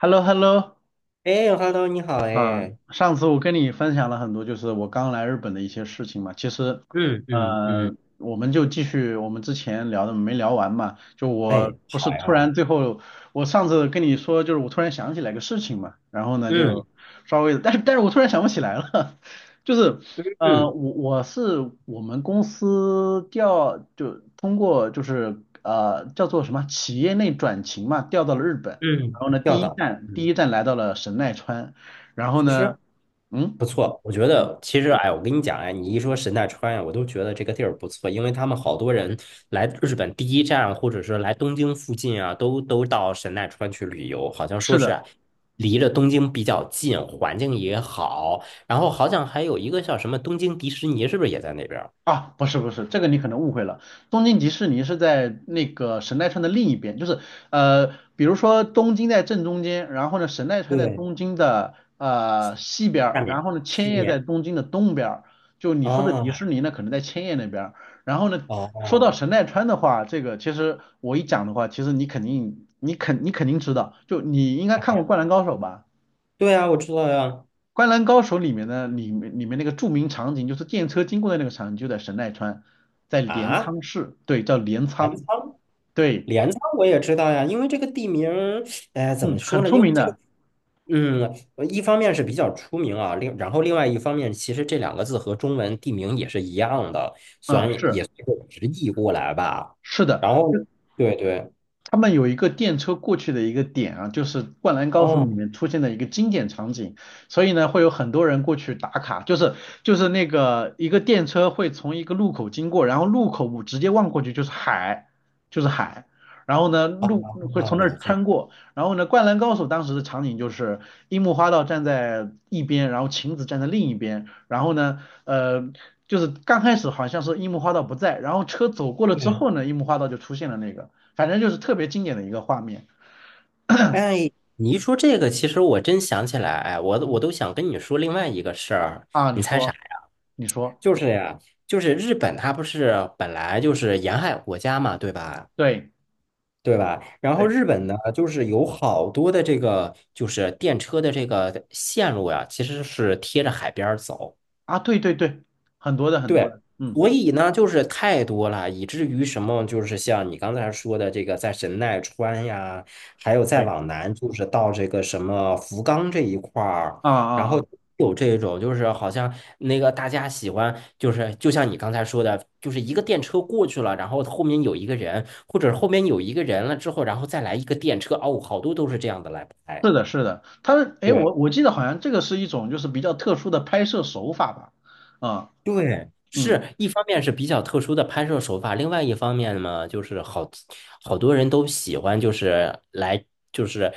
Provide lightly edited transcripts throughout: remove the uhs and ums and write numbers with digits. h e l l o h e l l o 哎，Hello，你好，嗯，哎，上次我跟你分享了很多，就是我刚来日本的一些事情嘛。其实，嗯嗯嗯。呃，我们就继续我们之前聊的没聊完嘛。就我哎，不是好突然呀。最后，我上次跟你说，就是我突然想起来个事情嘛，然后呢就嗯稍微，但是我突然想不起来了，就是嗯我是我们公司调就通过就是叫做什么企业内转勤嘛，调到了日本，然嗯，后呢要第一的。站第嗯。一站来到了神奈川。然后其实呢，嗯不错，我觉嗯，得，其实，哎，我跟你讲，哎，你一说神奈川呀，我都觉得这个地儿不错，因为他们好多人来日本第一站，或者是来东京附近啊，都到神奈川去旅游，好像说是是的啊，离着东京比较近，环境也好，然后好像还有一个叫什么东京迪士尼，是不是也在那边儿？啊，不是不是，这个你可能误会了。东京迪士尼是在那个神奈川的另一边，就是呃，比如说东京在正中间，然后呢，神奈川在对，东京的西边儿下然面，后呢，千西叶在面。东京的东边儿就你说的迪士哦尼呢，可能在千叶那边儿然后呢，哦说到哦。神奈川的话，这个其实我一讲的话，其实你肯定知道，就你应该看过《灌篮高手》吧？对啊，我知道呀。《灌篮高手》里面的里面里面那个著名场景，就是电车经过的那个场景，就在神奈川，在镰啊，仓市，对，叫镰镰仓，仓。对，镰仓我也知道呀，因为这个地名儿。哎，怎么嗯，说很呢？出因为名这个，的，一方面是比较出名啊，然后另外一方面，其实这两个字和中文地名也是一样的，虽啊，然也是也随着直译过来吧。是的，然后，对对，他们有一个电车过去的一个点啊，就是《灌篮高手》里哦，面出现的一个经典场景，所以呢，会有很多人过去打卡，就是那个一个电车会从一个路口经过，然后路口直接望过去就是海，就是海，然后呢哦，路会好从那了儿解。穿过，然后呢，《灌篮高手》当时的场景就是樱木花道站在一边，然后晴子站在另一边，然后呢，呃。就是刚开始好像是樱木花道不在，然后车走过了之对，后呢，樱木花道就出现了那个。反正就是特别经典的一个画面哎，你一说这个，其实我真想起来，哎，我都想跟你说另外一个事儿。啊。你你猜啥？说，你说，就是呀，就是日本，它不是本来就是沿海国家嘛，对吧？对对吧？然后对日本呢，就是有好多的这个就是电车的这个线路呀，其实是贴着海边儿走。啊，对对对，很多的很多对，的，嗯，所以呢，就是太多了，以至于什么，就是像你刚才说的这个，在神奈川呀，还有再对往南，就是到这个什么福冈这一块儿，啊啊然后啊，有这种，就是好像那个大家喜欢，就是就像你刚才说的，就是一个电车过去了，然后后面有一个人，或者后面有一个人了之后，然后再来一个电车，哦，好多都是这样的来拍。是的，是的。他们哎，对。我记得好像这个是一种就是比较特殊的拍摄手法吧？啊，对，嗯是一方面是比较特殊的拍摄手法，另外一方面嘛，就是好多人都喜欢，就是来就是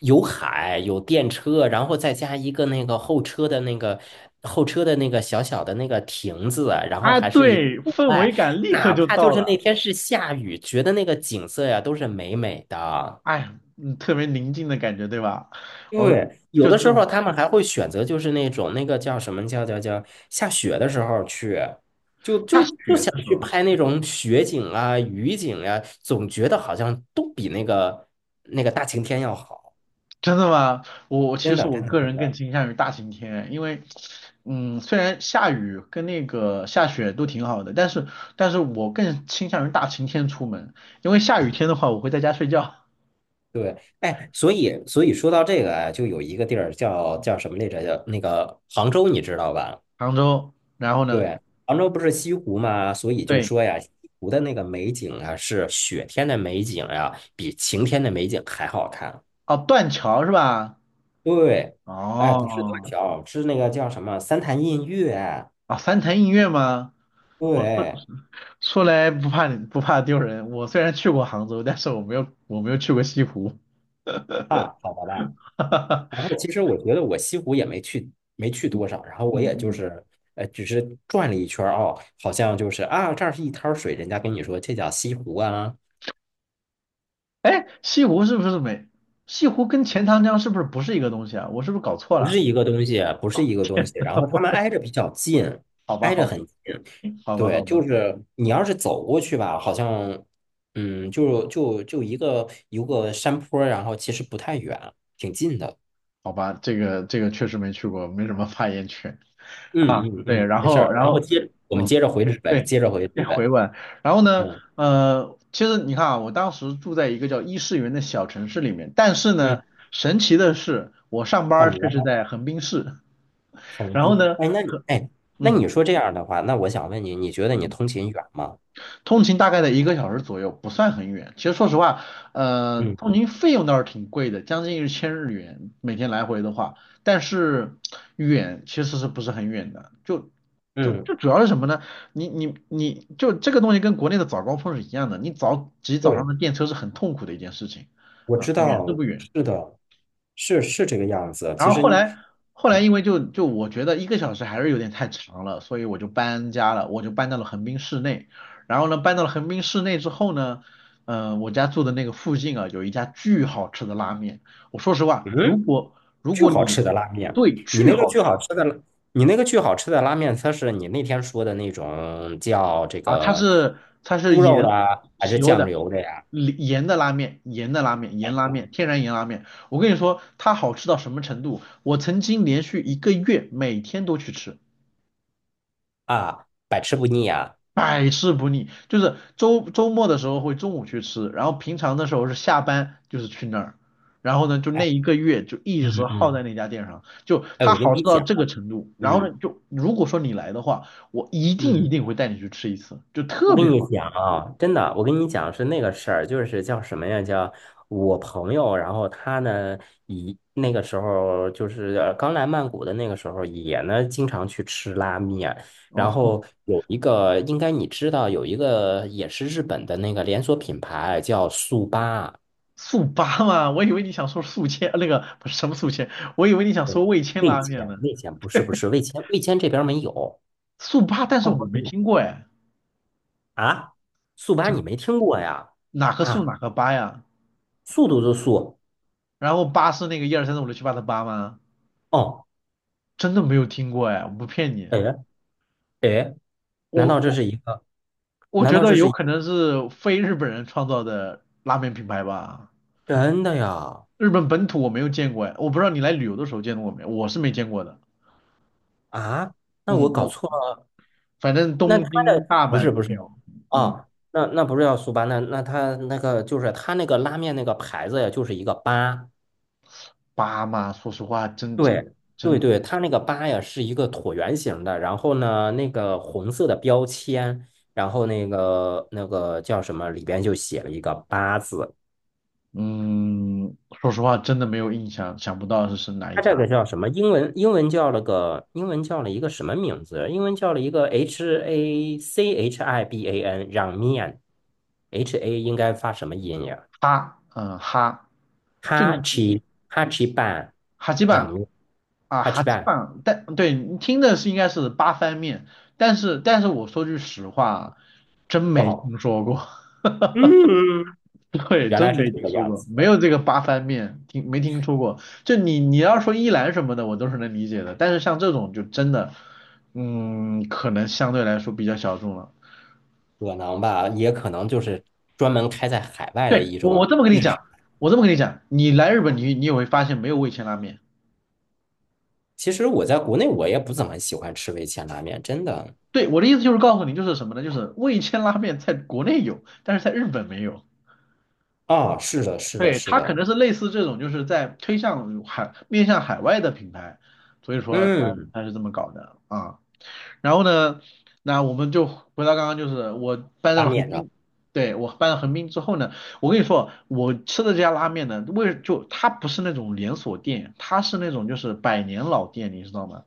有海有电车，然后再加一个那个后车的那个小小的那个亭子啊，然后啊，还是一个对，户氛围外，感立刻哪就怕就到是那了，天是下雨，觉得那个景色呀都是美美的。哎，嗯，特别宁静的感觉，对吧？我对，有就是的这时候种他们还会选择，就是那种那个叫什么叫下雪的时候去，就下就就雪想的时去候。拍那种雪景啊、雨景啊，总觉得好像都比那个大晴天要好。真的吗？我其真实的，我真的，个真人更的，倾向于大晴天，因为，嗯，虽然下雨跟那个下雪都挺好的，但是我更倾向于大晴天出门，因为下雨天的话我会在家睡觉。对。哎，所以说到这个啊，就有一个地儿叫什么来着？叫那个杭州，你知道吧？杭州，然后呢？对，杭州不是西湖嘛，所以就对，说呀，西湖的那个美景啊，是雪天的美景呀、比晴天的美景还好看。哦，断桥是吧？对，哎，不是断哦，桥，是那个叫什么三潭印月。啊，三潭印月吗？我对。出来不怕你不怕丢人，我虽然去过杭州，但是我没有去过西湖。啊，好的吧。然后 其实我觉得我西湖也没去，没去多少。然后我嗯也就嗯。是，只是转了一圈儿哦，好像就是啊，这儿是一滩水，人家跟你说这叫西湖啊，哎，西湖是不是没？西湖跟钱塘江是不是不是一个东西啊？我是不是搞错不了？是一个东西，不是一个东西。然后他们挨着比较近，好吧，挨着好吧，很近。好吧，对，好就吧，是你要是走过去吧，好像，就一个一个山坡儿，然后其实不太远，挺近的。好吧，这个确实没去过，没什么发言权啊。嗯嗯对，嗯，然没事后儿。然然后后，我们嗯，接着回日本，对，接着回这日本。回来。然后呢，嗯其实你看啊，我当时住在一个叫伊势园的小城市里面，但是嗯。呢，神奇的是，我上班怎儿却么是了？在横滨市。横然后滨？呢，哎，和那嗯。你说这样的话，那我想问你，你觉得你嗯通勤远吗？通勤大概在一个小时左右，不算很远。其实说实话，嗯通勤费用倒是挺贵的，将近1000日元，每天来回的话，但是远其实是不是很远的？就就嗯，就主要是什么呢？你就这个东西跟国内的早高峰是一样的，你早挤早上对，的电车是很痛苦的一件事情我啊，知远是道，不远？是的，是这个样子。然其后实后你，来因为就我觉得一个小时还是有点太长了，所以我就搬家了，我就搬到了横滨市内。然后呢，搬到了横滨市内之后呢，我家住的那个附近啊，有一家巨好吃的拉面。我说实话，如嗯，果巨好你吃的拉面，对你巨那个好巨吃好吃的拉，你那个巨好吃的拉面，它是你那天说的那种叫这啊，它个是它是猪肉盐的啊，还喜是优酱的。油的呀？盐的拉面，盐的拉面，盐拉面，天然盐拉面。我跟你说，它好吃到什么程度？我曾经连续一个月每天都去吃。啊，百吃不腻啊。百试不腻，就是周末的时候会中午去吃，然后平常的时候是下班就是去那儿，然后呢就那一个月就一直嗯耗在嗯，那家店上，就哎，它好吃到这个程度，然后嗯呢就如果说你来的话，我一定一嗯，定会带你去吃一次，就我特跟别你好讲啊，真的，我跟你讲是那个事儿，就是叫什么呀？叫我朋友，然后他呢，以那个时候就是刚来曼谷的那个时候，也呢经常去吃拉面，然哦。后有一个应该你知道，有一个也是日本的那个连锁品牌叫速八。速八嘛，我以为你想说宿迁，那个不是什么宿迁，我以为你想哦，说味千味拉面千。呢。味千不是不是味千，味千这边儿没有，速八，但是泰我国没没有听过哎，啊，速八这你没听过呀？哪个速啊。哪个八呀？速度的速。然后八是那个一二三四五六七八的八吗？哦，真的没有听过哎，我不骗你，哎哎，难我道这我是一个？我难觉道得这有是一可能是非日本人创造的拉面品牌吧，真的呀？日本本土我没有见过哎，我不知道你来旅游的时候见过没，我是没见过的。啊，那嗯，我搞我错了。反正那他东京、的大不阪是都不没是有。嗯，啊，那不是叫速八，那他那个拉面那个牌子呀，就是一个八。巴嘛，对对对，它那个八呀是一个椭圆形的，然后呢，那个红色的标签，然后那个叫什么，里边就写了一个八字。说实话真的没有印象，想不到是哪一它这家。个叫什么？英文叫了一个什么名字？英文叫了一个 H A C H I B A N 让面，H A 应该发什么音呀？哈，嗯，哈，就哈你奇哈奇办哈基让板。面啊，哈奇还基本办。上但对你听的是应该是八番面，但是我说句实话啊，真不没好。听说过，对，原真来是没这听个说样过，子没有的。这个八番面，听没听说过。就你要说一兰什么的，我都是能理解的，但是像这种就真的，嗯，可能相对来说比较小众了。可能吧，也可能就是专门开在海外的对，一我种。这么跟你讲，我这么跟你讲，你来日本你也会发现没有味千拉面。其实我在国内我也不怎么喜欢吃味千拉面，真的。对，我的意思就是告诉你，就是什么呢？就是味千拉面在国内有，但是在日本没有。啊，是的，是的，对，是它可的，能是类似这种，就是在推向海，面向海外的品牌，所以说它嗯，它是这么搞的啊。然后呢，那我们就回到刚刚，就是我搬到拉了面横的。滨，对，我搬到横滨之后呢，我跟你说，我吃的这家拉面呢，就它不是那种连锁店，它是那种就是百年老店，你知道吗？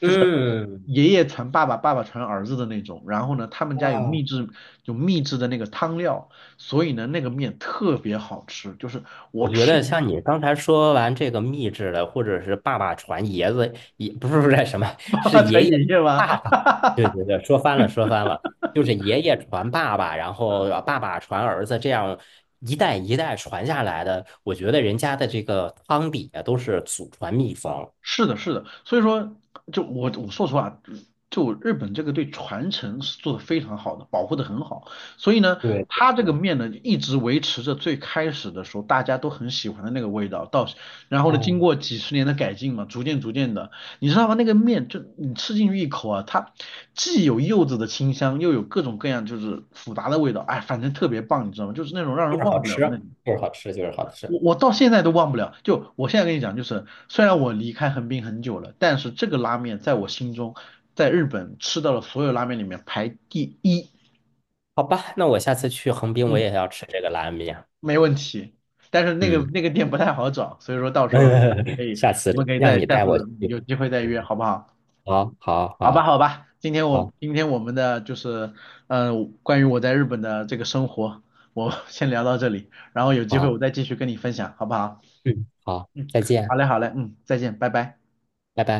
嗯。爷爷传爸爸，爸爸传儿子的那种。然后呢，他们家有秘啊，制，有秘制的那个汤料，所以呢，那个面特别好吃，就是我我觉吃得一 像你刚才说完这个秘制的，或者是爸爸传爷子，也不是什么，是 才爷爷爷爷吗？爸爸。对对对，说翻了说翻了，就是爷爷传爸爸，然后爸爸传儿子，这样一代一代传下来的。我觉得人家的这个汤底啊，都是祖传秘方。是的，是的，所以说，就我说实话，就日本这个对传承是做的非常好的，保护的很好，所以呢，对对它这个对。面呢一直维持着最开始的时候大家都很喜欢的那个味道，到然后呢，经过哦，几十年的改进嘛，逐渐逐渐的，你知道吗？那个面就你吃进去一口啊，它既有柚子的清香，又有各种各样就是复杂的味道，哎，反正特别棒，你知道吗？就是那种让就人是忘好不了吃，的那种。就是好吃，就是好吃。我到现在都忘不了，就我现在跟你讲，就是虽然我离开横滨很久了，但是这个拉面在我心中，在日本吃到了所有拉面里面排第一，好吧，那我下次去横滨，我嗯，也要吃这个拉面。没问题。但是那个嗯。那个店不太好找，所以说到时候可 以，下我们次可以让再你下带我去。次有机会再约，嗯。好不好？好，好，好吧，好，好吧，今天我好，今天我们的就是，关于我在日本的这个生活，我 先聊到这里，然后有机会好，我再继续跟你分享，好不好？嗯，好，嗯，再好见，嘞，好嘞，再见，拜拜。拜拜。